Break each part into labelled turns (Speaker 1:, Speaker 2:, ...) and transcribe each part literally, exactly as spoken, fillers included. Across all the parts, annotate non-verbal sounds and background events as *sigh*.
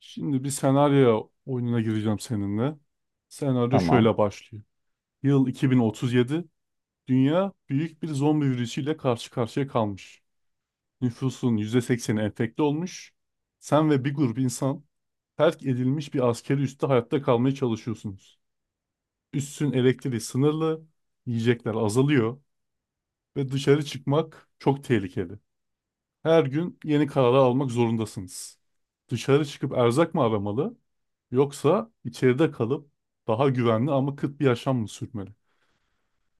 Speaker 1: Şimdi bir senaryo oyununa gireceğim seninle. Senaryo
Speaker 2: Tamam.
Speaker 1: şöyle başlıyor. Yıl iki bin otuz yedi. Dünya büyük bir zombi virüsüyle karşı karşıya kalmış. Nüfusun yüzde sekseni enfekte olmuş. Sen ve bir grup insan terk edilmiş bir askeri üste hayatta kalmaya çalışıyorsunuz. Üssün elektriği sınırlı, yiyecekler azalıyor ve dışarı çıkmak çok tehlikeli. Her gün yeni kararlar almak zorundasınız. Dışarı çıkıp erzak mı aramalı yoksa içeride kalıp daha güvenli ama kıt bir yaşam mı sürmeli?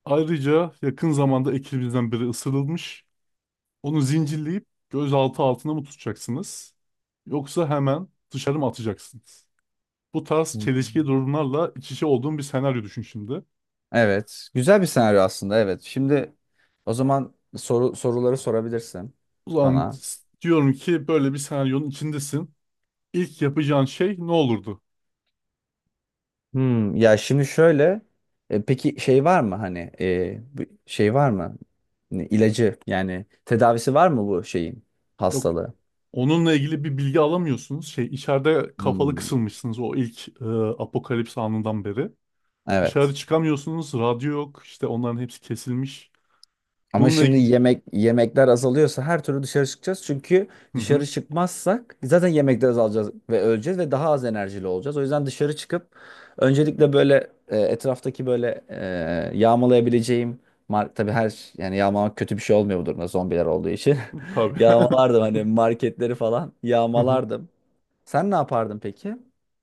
Speaker 1: Ayrıca yakın zamanda ekibinizden biri ısırılmış. Onu zincirleyip gözaltı altına mı tutacaksınız? Yoksa hemen dışarı mı atacaksınız? Bu tarz çelişki
Speaker 2: Hmm.
Speaker 1: durumlarla iç içe olduğum bir senaryo düşün şimdi.
Speaker 2: Evet. Güzel bir senaryo aslında. Evet. Şimdi o zaman soru soruları sorabilirsin
Speaker 1: Ulan
Speaker 2: bana.
Speaker 1: s- diyorum ki böyle bir senaryonun içindesin. İlk yapacağın şey ne olurdu?
Speaker 2: Hmm, ya şimdi şöyle. E, peki şey var mı hani e, bu- şey var mı? Ne, İlacı yani tedavisi var mı bu şeyin
Speaker 1: Yok.
Speaker 2: hastalığı?
Speaker 1: Onunla ilgili bir bilgi alamıyorsunuz. Şey, içeride kafalı
Speaker 2: Hmm.
Speaker 1: kısılmışsınız o ilk e, apokalips anından beri.
Speaker 2: Evet.
Speaker 1: Dışarı çıkamıyorsunuz. Radyo yok. İşte onların hepsi kesilmiş.
Speaker 2: Ama
Speaker 1: Bununla
Speaker 2: şimdi
Speaker 1: ilgili...
Speaker 2: yemek yemekler azalıyorsa her türlü dışarı çıkacağız. Çünkü
Speaker 1: Hı
Speaker 2: dışarı
Speaker 1: hı,
Speaker 2: çıkmazsak zaten yemekler azalacağız ve öleceğiz ve daha az enerjili olacağız. O yüzden dışarı çıkıp öncelikle böyle e, etraftaki böyle e, yağmalayabileceğim mar tabii her yani yağmalamak kötü bir şey olmuyor bu durumda zombiler olduğu için. *laughs*
Speaker 1: tabii.
Speaker 2: Yağmalardım
Speaker 1: *laughs*
Speaker 2: hani marketleri falan
Speaker 1: Hı hı.
Speaker 2: yağmalardım. Sen ne yapardın peki?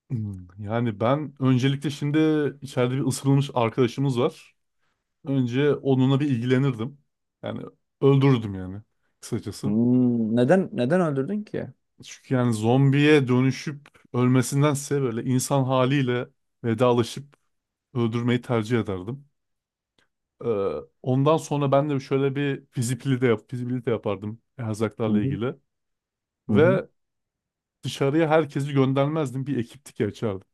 Speaker 1: Hmm, Yani ben öncelikle şimdi içeride bir ısırılmış arkadaşımız var. Önce onunla bir ilgilenirdim. Yani öldürürdüm yani kısacası.
Speaker 2: Hmm, neden neden öldürdün ki?
Speaker 1: Çünkü yani zombiye dönüşüp ölmesindense böyle insan haliyle vedalaşıp öldürmeyi tercih ederdim. Ee, Ondan sonra ben de şöyle bir fizibilite, yap, fizibilite yapardım
Speaker 2: Hı
Speaker 1: erzaklarla
Speaker 2: hı.
Speaker 1: ilgili.
Speaker 2: Hı hı.
Speaker 1: Ve dışarıya herkesi göndermezdim. Bir ekiptik açardım.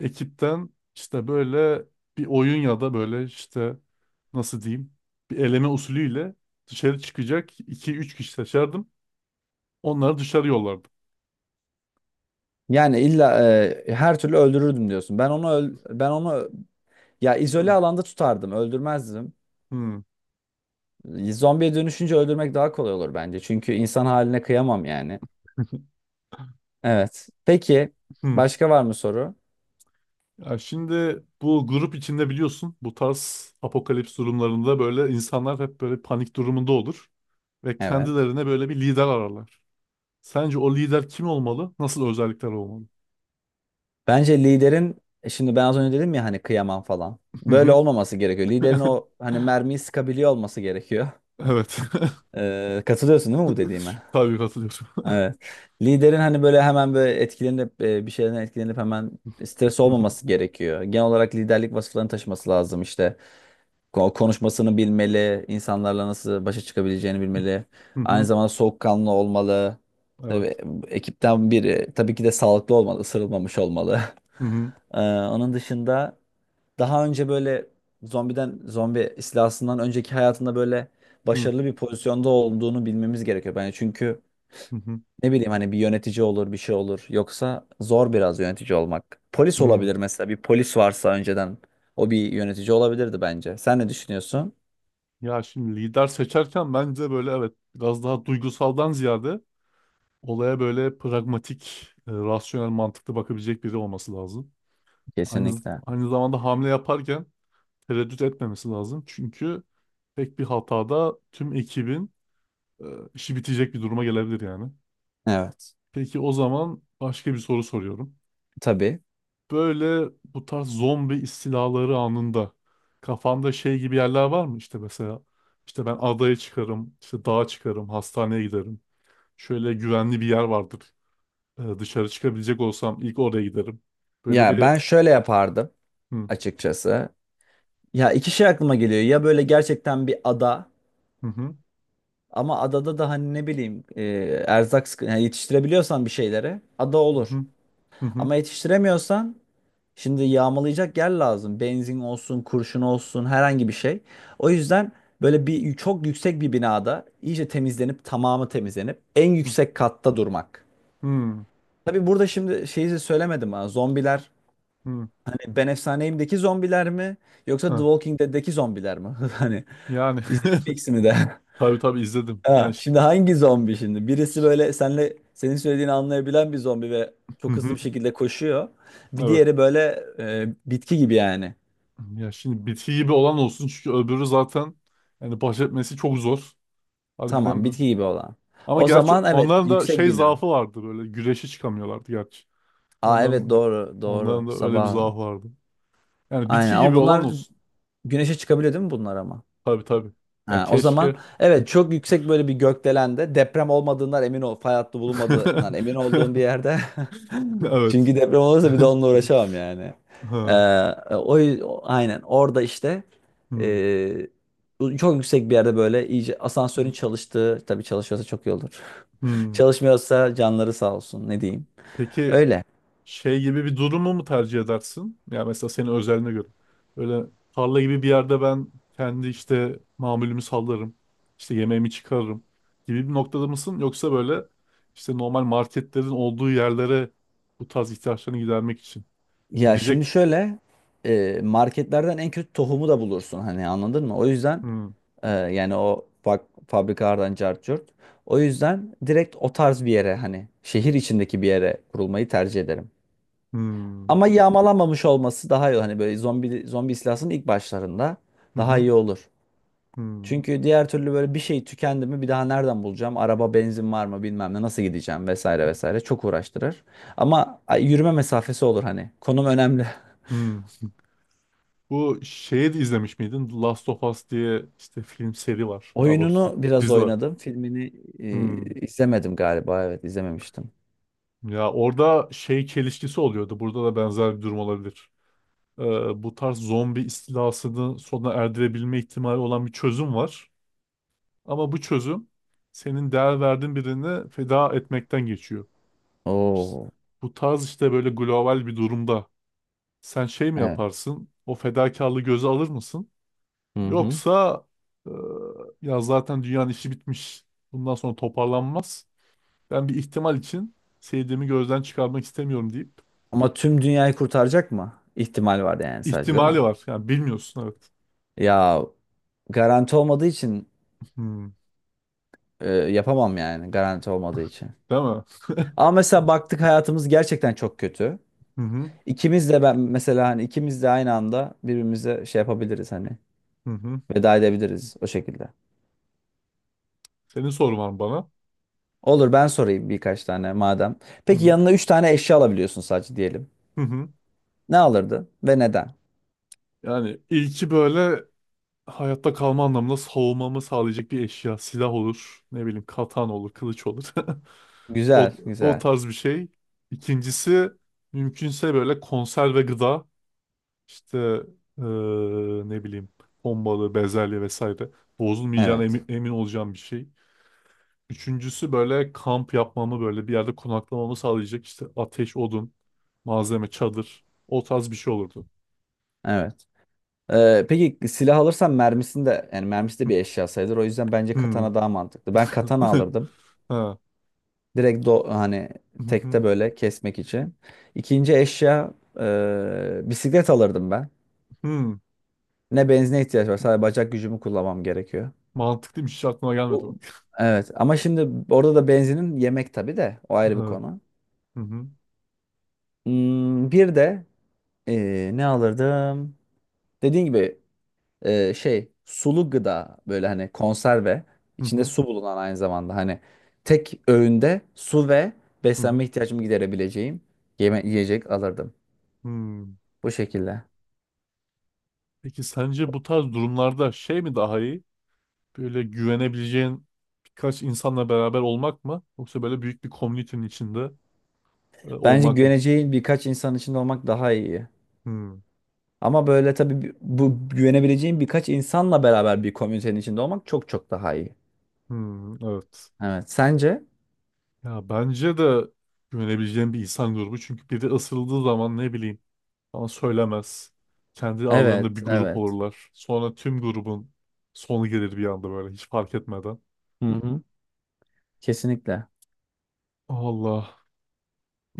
Speaker 1: Ekipten işte böyle bir oyun ya da böyle işte nasıl diyeyim bir eleme usulüyle dışarı çıkacak iki üç kişi seçerdim. Onları dışarı yollardım.
Speaker 2: Yani illa e, her türlü öldürürdüm diyorsun. Ben onu öl- ben onu ya
Speaker 1: Hmm.
Speaker 2: izole alanda tutardım, öldürmezdim.
Speaker 1: Hmm.
Speaker 2: Zombiye dönüşünce öldürmek daha kolay olur bence. Çünkü insan haline kıyamam yani. Evet. Peki
Speaker 1: Hmm.
Speaker 2: başka var mı soru?
Speaker 1: Ya şimdi bu grup içinde biliyorsun bu tarz apokalips durumlarında böyle insanlar hep böyle panik durumunda olur ve
Speaker 2: Evet.
Speaker 1: kendilerine böyle bir lider ararlar. Sence o lider kim olmalı? Nasıl özellikler olmalı?
Speaker 2: Bence liderin, e, şimdi ben az önce dedim ya hani kıyamam falan.
Speaker 1: Hı
Speaker 2: Böyle
Speaker 1: hı.
Speaker 2: olmaması gerekiyor. Liderin
Speaker 1: *laughs*
Speaker 2: o hani mermiyi sıkabiliyor olması gerekiyor.
Speaker 1: Evet. *laughs*
Speaker 2: Ee, katılıyorsun değil mi bu dediğime?
Speaker 1: Tabii katılıyorum.
Speaker 2: Evet. Liderin hani böyle hemen böyle etkilenip, e, bir şeyden etkilenip hemen stres
Speaker 1: Hı hı.
Speaker 2: olmaması gerekiyor. Genel olarak liderlik vasıflarını taşıması lazım işte. Ko- Konuşmasını bilmeli, insanlarla nasıl başa çıkabileceğini bilmeli.
Speaker 1: Hı
Speaker 2: Aynı
Speaker 1: hı.
Speaker 2: zamanda soğukkanlı olmalı. Tabii
Speaker 1: Evet.
Speaker 2: ekipten biri tabii ki de sağlıklı olmalı, ısırılmamış olmalı. *laughs*
Speaker 1: Hı hı.
Speaker 2: Ee, onun dışında daha önce böyle zombiden zombi istilasından önceki hayatında böyle
Speaker 1: Hı
Speaker 2: başarılı bir pozisyonda olduğunu bilmemiz gerekiyor bence. Çünkü
Speaker 1: hı. Hı.
Speaker 2: ne bileyim hani bir yönetici olur bir şey olur. Yoksa zor biraz yönetici olmak. Polis
Speaker 1: Hı.
Speaker 2: olabilir mesela, bir polis varsa önceden o bir yönetici olabilirdi bence. Sen ne düşünüyorsun?
Speaker 1: Ya şimdi lider seçerken bence böyle evet biraz daha duygusaldan ziyade olaya böyle pragmatik, e, rasyonel, mantıklı bakabilecek biri olması lazım. Aynı
Speaker 2: Kesinlikle.
Speaker 1: aynı zamanda hamle yaparken tereddüt etmemesi lazım. Çünkü tek bir hatada tüm ekibin Ee, işi bitecek bir duruma gelebilir yani.
Speaker 2: Evet.
Speaker 1: Peki o zaman başka bir soru soruyorum.
Speaker 2: Tabii.
Speaker 1: Böyle bu tarz zombi istilaları anında kafanda şey gibi yerler var mı? İşte mesela işte ben adaya çıkarım, işte dağa çıkarım, hastaneye giderim. Şöyle güvenli bir yer vardır. Ee, dışarı çıkabilecek olsam ilk oraya giderim. Böyle
Speaker 2: Ya
Speaker 1: bir
Speaker 2: ben şöyle yapardım
Speaker 1: hı
Speaker 2: açıkçası. Ya iki şey aklıma geliyor. Ya böyle gerçekten bir ada,
Speaker 1: hı, hı
Speaker 2: ama adada da hani ne bileyim, e, erzak sıkı- yani yetiştirebiliyorsan bir şeyleri, ada
Speaker 1: hı,
Speaker 2: olur.
Speaker 1: hı hı, hı
Speaker 2: Ama yetiştiremiyorsan, şimdi yağmalayacak yer lazım. Benzin olsun, kurşun olsun, herhangi bir şey. O yüzden böyle bir çok yüksek bir binada iyice temizlenip, tamamı temizlenip en yüksek katta durmak.
Speaker 1: hı, hı,
Speaker 2: Tabii burada şimdi şeyi de söylemedim ha. Zombiler
Speaker 1: hı.
Speaker 2: hani Ben Efsaneyim'deki zombiler mi yoksa The
Speaker 1: Ha,
Speaker 2: Walking Dead'deki zombiler mi? *laughs* Hani
Speaker 1: yani
Speaker 2: izledin mi ikisini de? *laughs*
Speaker 1: *laughs* tabii tabii izledim. Yani
Speaker 2: Ha,
Speaker 1: ş-
Speaker 2: şimdi hangi zombi şimdi? Birisi böyle senle senin söylediğini anlayabilen bir zombi ve
Speaker 1: hı
Speaker 2: çok
Speaker 1: hı,
Speaker 2: hızlı bir şekilde koşuyor. Bir
Speaker 1: evet.
Speaker 2: diğeri böyle e, bitki gibi yani.
Speaker 1: Ya şimdi bitki gibi olan olsun çünkü öbürü zaten yani baş etmesi çok zor. Harbiden
Speaker 2: Tamam,
Speaker 1: bu.
Speaker 2: bitki gibi olan.
Speaker 1: Ama
Speaker 2: O
Speaker 1: gerçi
Speaker 2: zaman evet,
Speaker 1: onların da
Speaker 2: yüksek
Speaker 1: şey
Speaker 2: bina.
Speaker 1: zaafı vardı böyle güreşe çıkamıyorlardı gerçi.
Speaker 2: Aa evet
Speaker 1: Onların
Speaker 2: doğru, doğru.
Speaker 1: onların da öyle bir
Speaker 2: Sabah.
Speaker 1: zaafı vardı. Yani
Speaker 2: Aynen
Speaker 1: bitki gibi
Speaker 2: ama
Speaker 1: olan
Speaker 2: bunlar
Speaker 1: olsun.
Speaker 2: güneşe çıkabiliyor değil mi bunlar ama?
Speaker 1: Tabii tabii. Yani
Speaker 2: Ha, o zaman
Speaker 1: keşke.
Speaker 2: evet, çok yüksek böyle bir gökdelende, deprem olmadığından emin ol. Fay hattı bulunmadığından emin olduğum bir
Speaker 1: *laughs*
Speaker 2: yerde. *laughs*
Speaker 1: Evet.
Speaker 2: Çünkü deprem olursa bir de onunla
Speaker 1: *laughs*
Speaker 2: uğraşamam yani. Ee,
Speaker 1: Ha.
Speaker 2: o, o- aynen orada işte,
Speaker 1: Hmm.
Speaker 2: ee, bu çok yüksek bir yerde böyle iyice, asansörün çalıştığı, tabii çalışıyorsa çok iyi olur. *laughs*
Speaker 1: Hmm.
Speaker 2: Çalışmıyorsa canları sağ olsun, ne diyeyim.
Speaker 1: Peki,
Speaker 2: Öyle.
Speaker 1: şey gibi bir durumu mu tercih edersin? Ya mesela senin özeline göre. Böyle tarla gibi bir yerde ben kendi işte mamulümü sallarım. İşte yemeğimi çıkarırım gibi bir noktada mısın? Yoksa böyle işte normal marketlerin olduğu yerlere bu tarz ihtiyaçlarını gidermek için
Speaker 2: Ya şimdi
Speaker 1: gidecek.
Speaker 2: şöyle, e, marketlerden en kötü tohumu da bulursun hani, anladın mı? O yüzden,
Speaker 1: Hmm,
Speaker 2: e, yani o bak, fabrikalardan cart curt. O yüzden direkt o tarz bir yere, hani şehir içindeki bir yere kurulmayı tercih ederim.
Speaker 1: hmm,
Speaker 2: Ama yağmalanmamış olması daha iyi. Hani böyle zombi zombi istilasının ilk başlarında
Speaker 1: hı
Speaker 2: daha
Speaker 1: hı,
Speaker 2: iyi olur.
Speaker 1: hmm,
Speaker 2: Çünkü diğer türlü böyle bir şey tükendi mi bir daha nereden bulacağım? Araba, benzin var mı bilmem ne, nasıl gideceğim vesaire vesaire, çok uğraştırır. Ama ay, yürüme mesafesi olur hani. Konum önemli. *laughs*
Speaker 1: hmm. Bu şeyi de izlemiş miydin? The Last of Us diye işte film seri var. Daha doğrusu
Speaker 2: Oyununu biraz
Speaker 1: dizi var.
Speaker 2: oynadım. Filmini
Speaker 1: Hmm.
Speaker 2: e, izlemedim galiba. Evet, izlememiştim.
Speaker 1: Ya orada şey çelişkisi oluyordu. Burada da benzer bir durum olabilir. Ee, bu tarz zombi istilasını sona erdirebilme ihtimali olan bir çözüm var. Ama bu çözüm senin değer verdiğin birini feda etmekten geçiyor.
Speaker 2: Oo,
Speaker 1: Bu tarz işte böyle global bir durumda sen şey mi
Speaker 2: evet.
Speaker 1: yaparsın? O fedakarlığı göze alır mısın?
Speaker 2: Hı hı.
Speaker 1: Yoksa e, ya zaten dünyanın işi bitmiş. Bundan sonra toparlanmaz. Ben bir ihtimal için sevdiğimi gözden çıkarmak istemiyorum deyip.
Speaker 2: Ama tüm dünyayı kurtaracak mı? İhtimal var yani, sadece değil mi?
Speaker 1: İhtimali var. Yani bilmiyorsun evet.
Speaker 2: Ya garanti olmadığı için,
Speaker 1: Hmm.
Speaker 2: e, yapamam yani, garanti olmadığı için.
Speaker 1: Değil mi?
Speaker 2: Ama mesela baktık hayatımız gerçekten çok kötü.
Speaker 1: Hı hı.
Speaker 2: İkimiz de, ben mesela hani ikimiz de aynı anda birbirimize şey yapabiliriz hani,
Speaker 1: Hı hı.
Speaker 2: veda edebiliriz o şekilde.
Speaker 1: Senin sorun var mı bana?
Speaker 2: Olur, ben sorayım birkaç tane madem.
Speaker 1: Hı
Speaker 2: Peki
Speaker 1: hı.
Speaker 2: yanına üç tane eşya alabiliyorsun sadece diyelim.
Speaker 1: Hı hı.
Speaker 2: Ne alırdın ve neden?
Speaker 1: Yani ilki böyle hayatta kalma anlamında savunmamı sağlayacak bir eşya. Silah olur. Ne bileyim katan olur. Kılıç olur. *laughs* O,
Speaker 2: Güzel,
Speaker 1: o
Speaker 2: güzel.
Speaker 1: tarz bir şey. İkincisi mümkünse böyle konserve gıda. İşte eee, ne bileyim bombalı, bezelye vesaire. Bozulmayacağına
Speaker 2: Evet,
Speaker 1: emin, emin olacağım bir şey. Üçüncüsü böyle kamp yapmamı böyle bir yerde konaklamamı sağlayacak işte ateş, odun, malzeme, çadır. O tarz bir şey olurdu.
Speaker 2: evet. Ee, peki silah alırsan mermisini de, yani mermisi de bir eşya sayılır. O yüzden bence
Speaker 1: Hmm.
Speaker 2: katana daha mantıklı. Ben katana
Speaker 1: *laughs*
Speaker 2: alırdım.
Speaker 1: Ha.
Speaker 2: Direkt do hani
Speaker 1: Hı hı.
Speaker 2: tekte böyle kesmek için. İkinci eşya, e, bisiklet alırdım ben.
Speaker 1: Hmm.
Speaker 2: Ne benzine ihtiyaç var. Sadece bacak gücümü kullanmam gerekiyor.
Speaker 1: Mantıklıymış, hiç aklıma gelmedi
Speaker 2: Bu-
Speaker 1: bak.
Speaker 2: Evet ama şimdi orada da benzinin yemek tabii de, o ayrı bir konu.
Speaker 1: Hı hı.
Speaker 2: Hmm, bir de e, ne alırdım? Dediğin gibi, e, şey, sulu gıda, böyle hani konserve
Speaker 1: Hı
Speaker 2: içinde
Speaker 1: hı.
Speaker 2: su bulunan, aynı zamanda hani tek öğünde su ve
Speaker 1: Hı
Speaker 2: beslenme
Speaker 1: hı.
Speaker 2: ihtiyacımı giderebileceğim yeme yiyecek alırdım.
Speaker 1: Hmm.
Speaker 2: Bu şekilde.
Speaker 1: Peki sence bu tarz durumlarda şey mi daha iyi? Böyle güvenebileceğin birkaç insanla beraber olmak mı? Yoksa böyle büyük bir komünitenin içinde e,
Speaker 2: Bence
Speaker 1: olmak mı?
Speaker 2: güveneceğin birkaç insan içinde olmak daha iyi.
Speaker 1: Hmm.
Speaker 2: Ama böyle tabii bi- bu güvenebileceğin birkaç insanla beraber bir komünitenin içinde olmak çok çok daha iyi.
Speaker 1: Hmm. Evet.
Speaker 2: Evet. Sence?
Speaker 1: Ya bence de güvenebileceğim bir insan grubu. Çünkü biri ısırıldığı zaman ne bileyim bana söylemez. Kendi aralarında
Speaker 2: Evet,
Speaker 1: bir grup
Speaker 2: evet.
Speaker 1: olurlar. Sonra tüm grubun sonu gelir bir anda böyle hiç fark etmeden.
Speaker 2: Hı hı. Kesinlikle.
Speaker 1: Allah.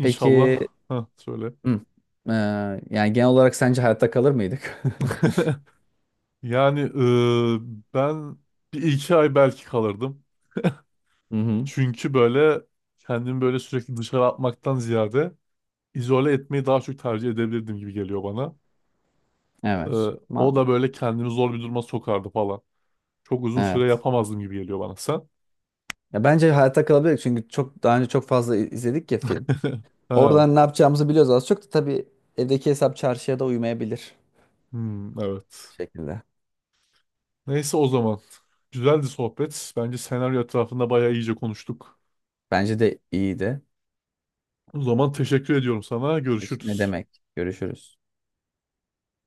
Speaker 2: Peki,
Speaker 1: Heh, söyle.
Speaker 2: hı, eee, yani genel olarak sence hayatta kalır mıydık? *laughs*
Speaker 1: *laughs* Yani eee, ben bir iki ay belki kalırdım.
Speaker 2: Hı hı.
Speaker 1: Çünkü böyle kendimi böyle sürekli dışarı atmaktan ziyade izole etmeyi daha çok tercih edebilirdim gibi geliyor bana.
Speaker 2: Evet.
Speaker 1: Eee,
Speaker 2: Ma
Speaker 1: o da böyle kendimi zor bir duruma sokardı falan. Çok uzun süre
Speaker 2: evet.
Speaker 1: yapamazdım gibi geliyor bana sen.
Speaker 2: Ya bence hayatta kalabilir çünkü çok daha önce çok fazla i- izledik ya film.
Speaker 1: *laughs* Ha.
Speaker 2: Oradan ne yapacağımızı biliyoruz az çok, da tabii evdeki hesap çarşıya da uymayabilir
Speaker 1: Hmm, evet.
Speaker 2: şekilde.
Speaker 1: Neyse o zaman. Güzeldi sohbet. Bence senaryo etrafında bayağı iyice konuştuk.
Speaker 2: Bence de iyiydi.
Speaker 1: O zaman teşekkür ediyorum sana.
Speaker 2: Ne
Speaker 1: Görüşürüz.
Speaker 2: demek? Görüşürüz.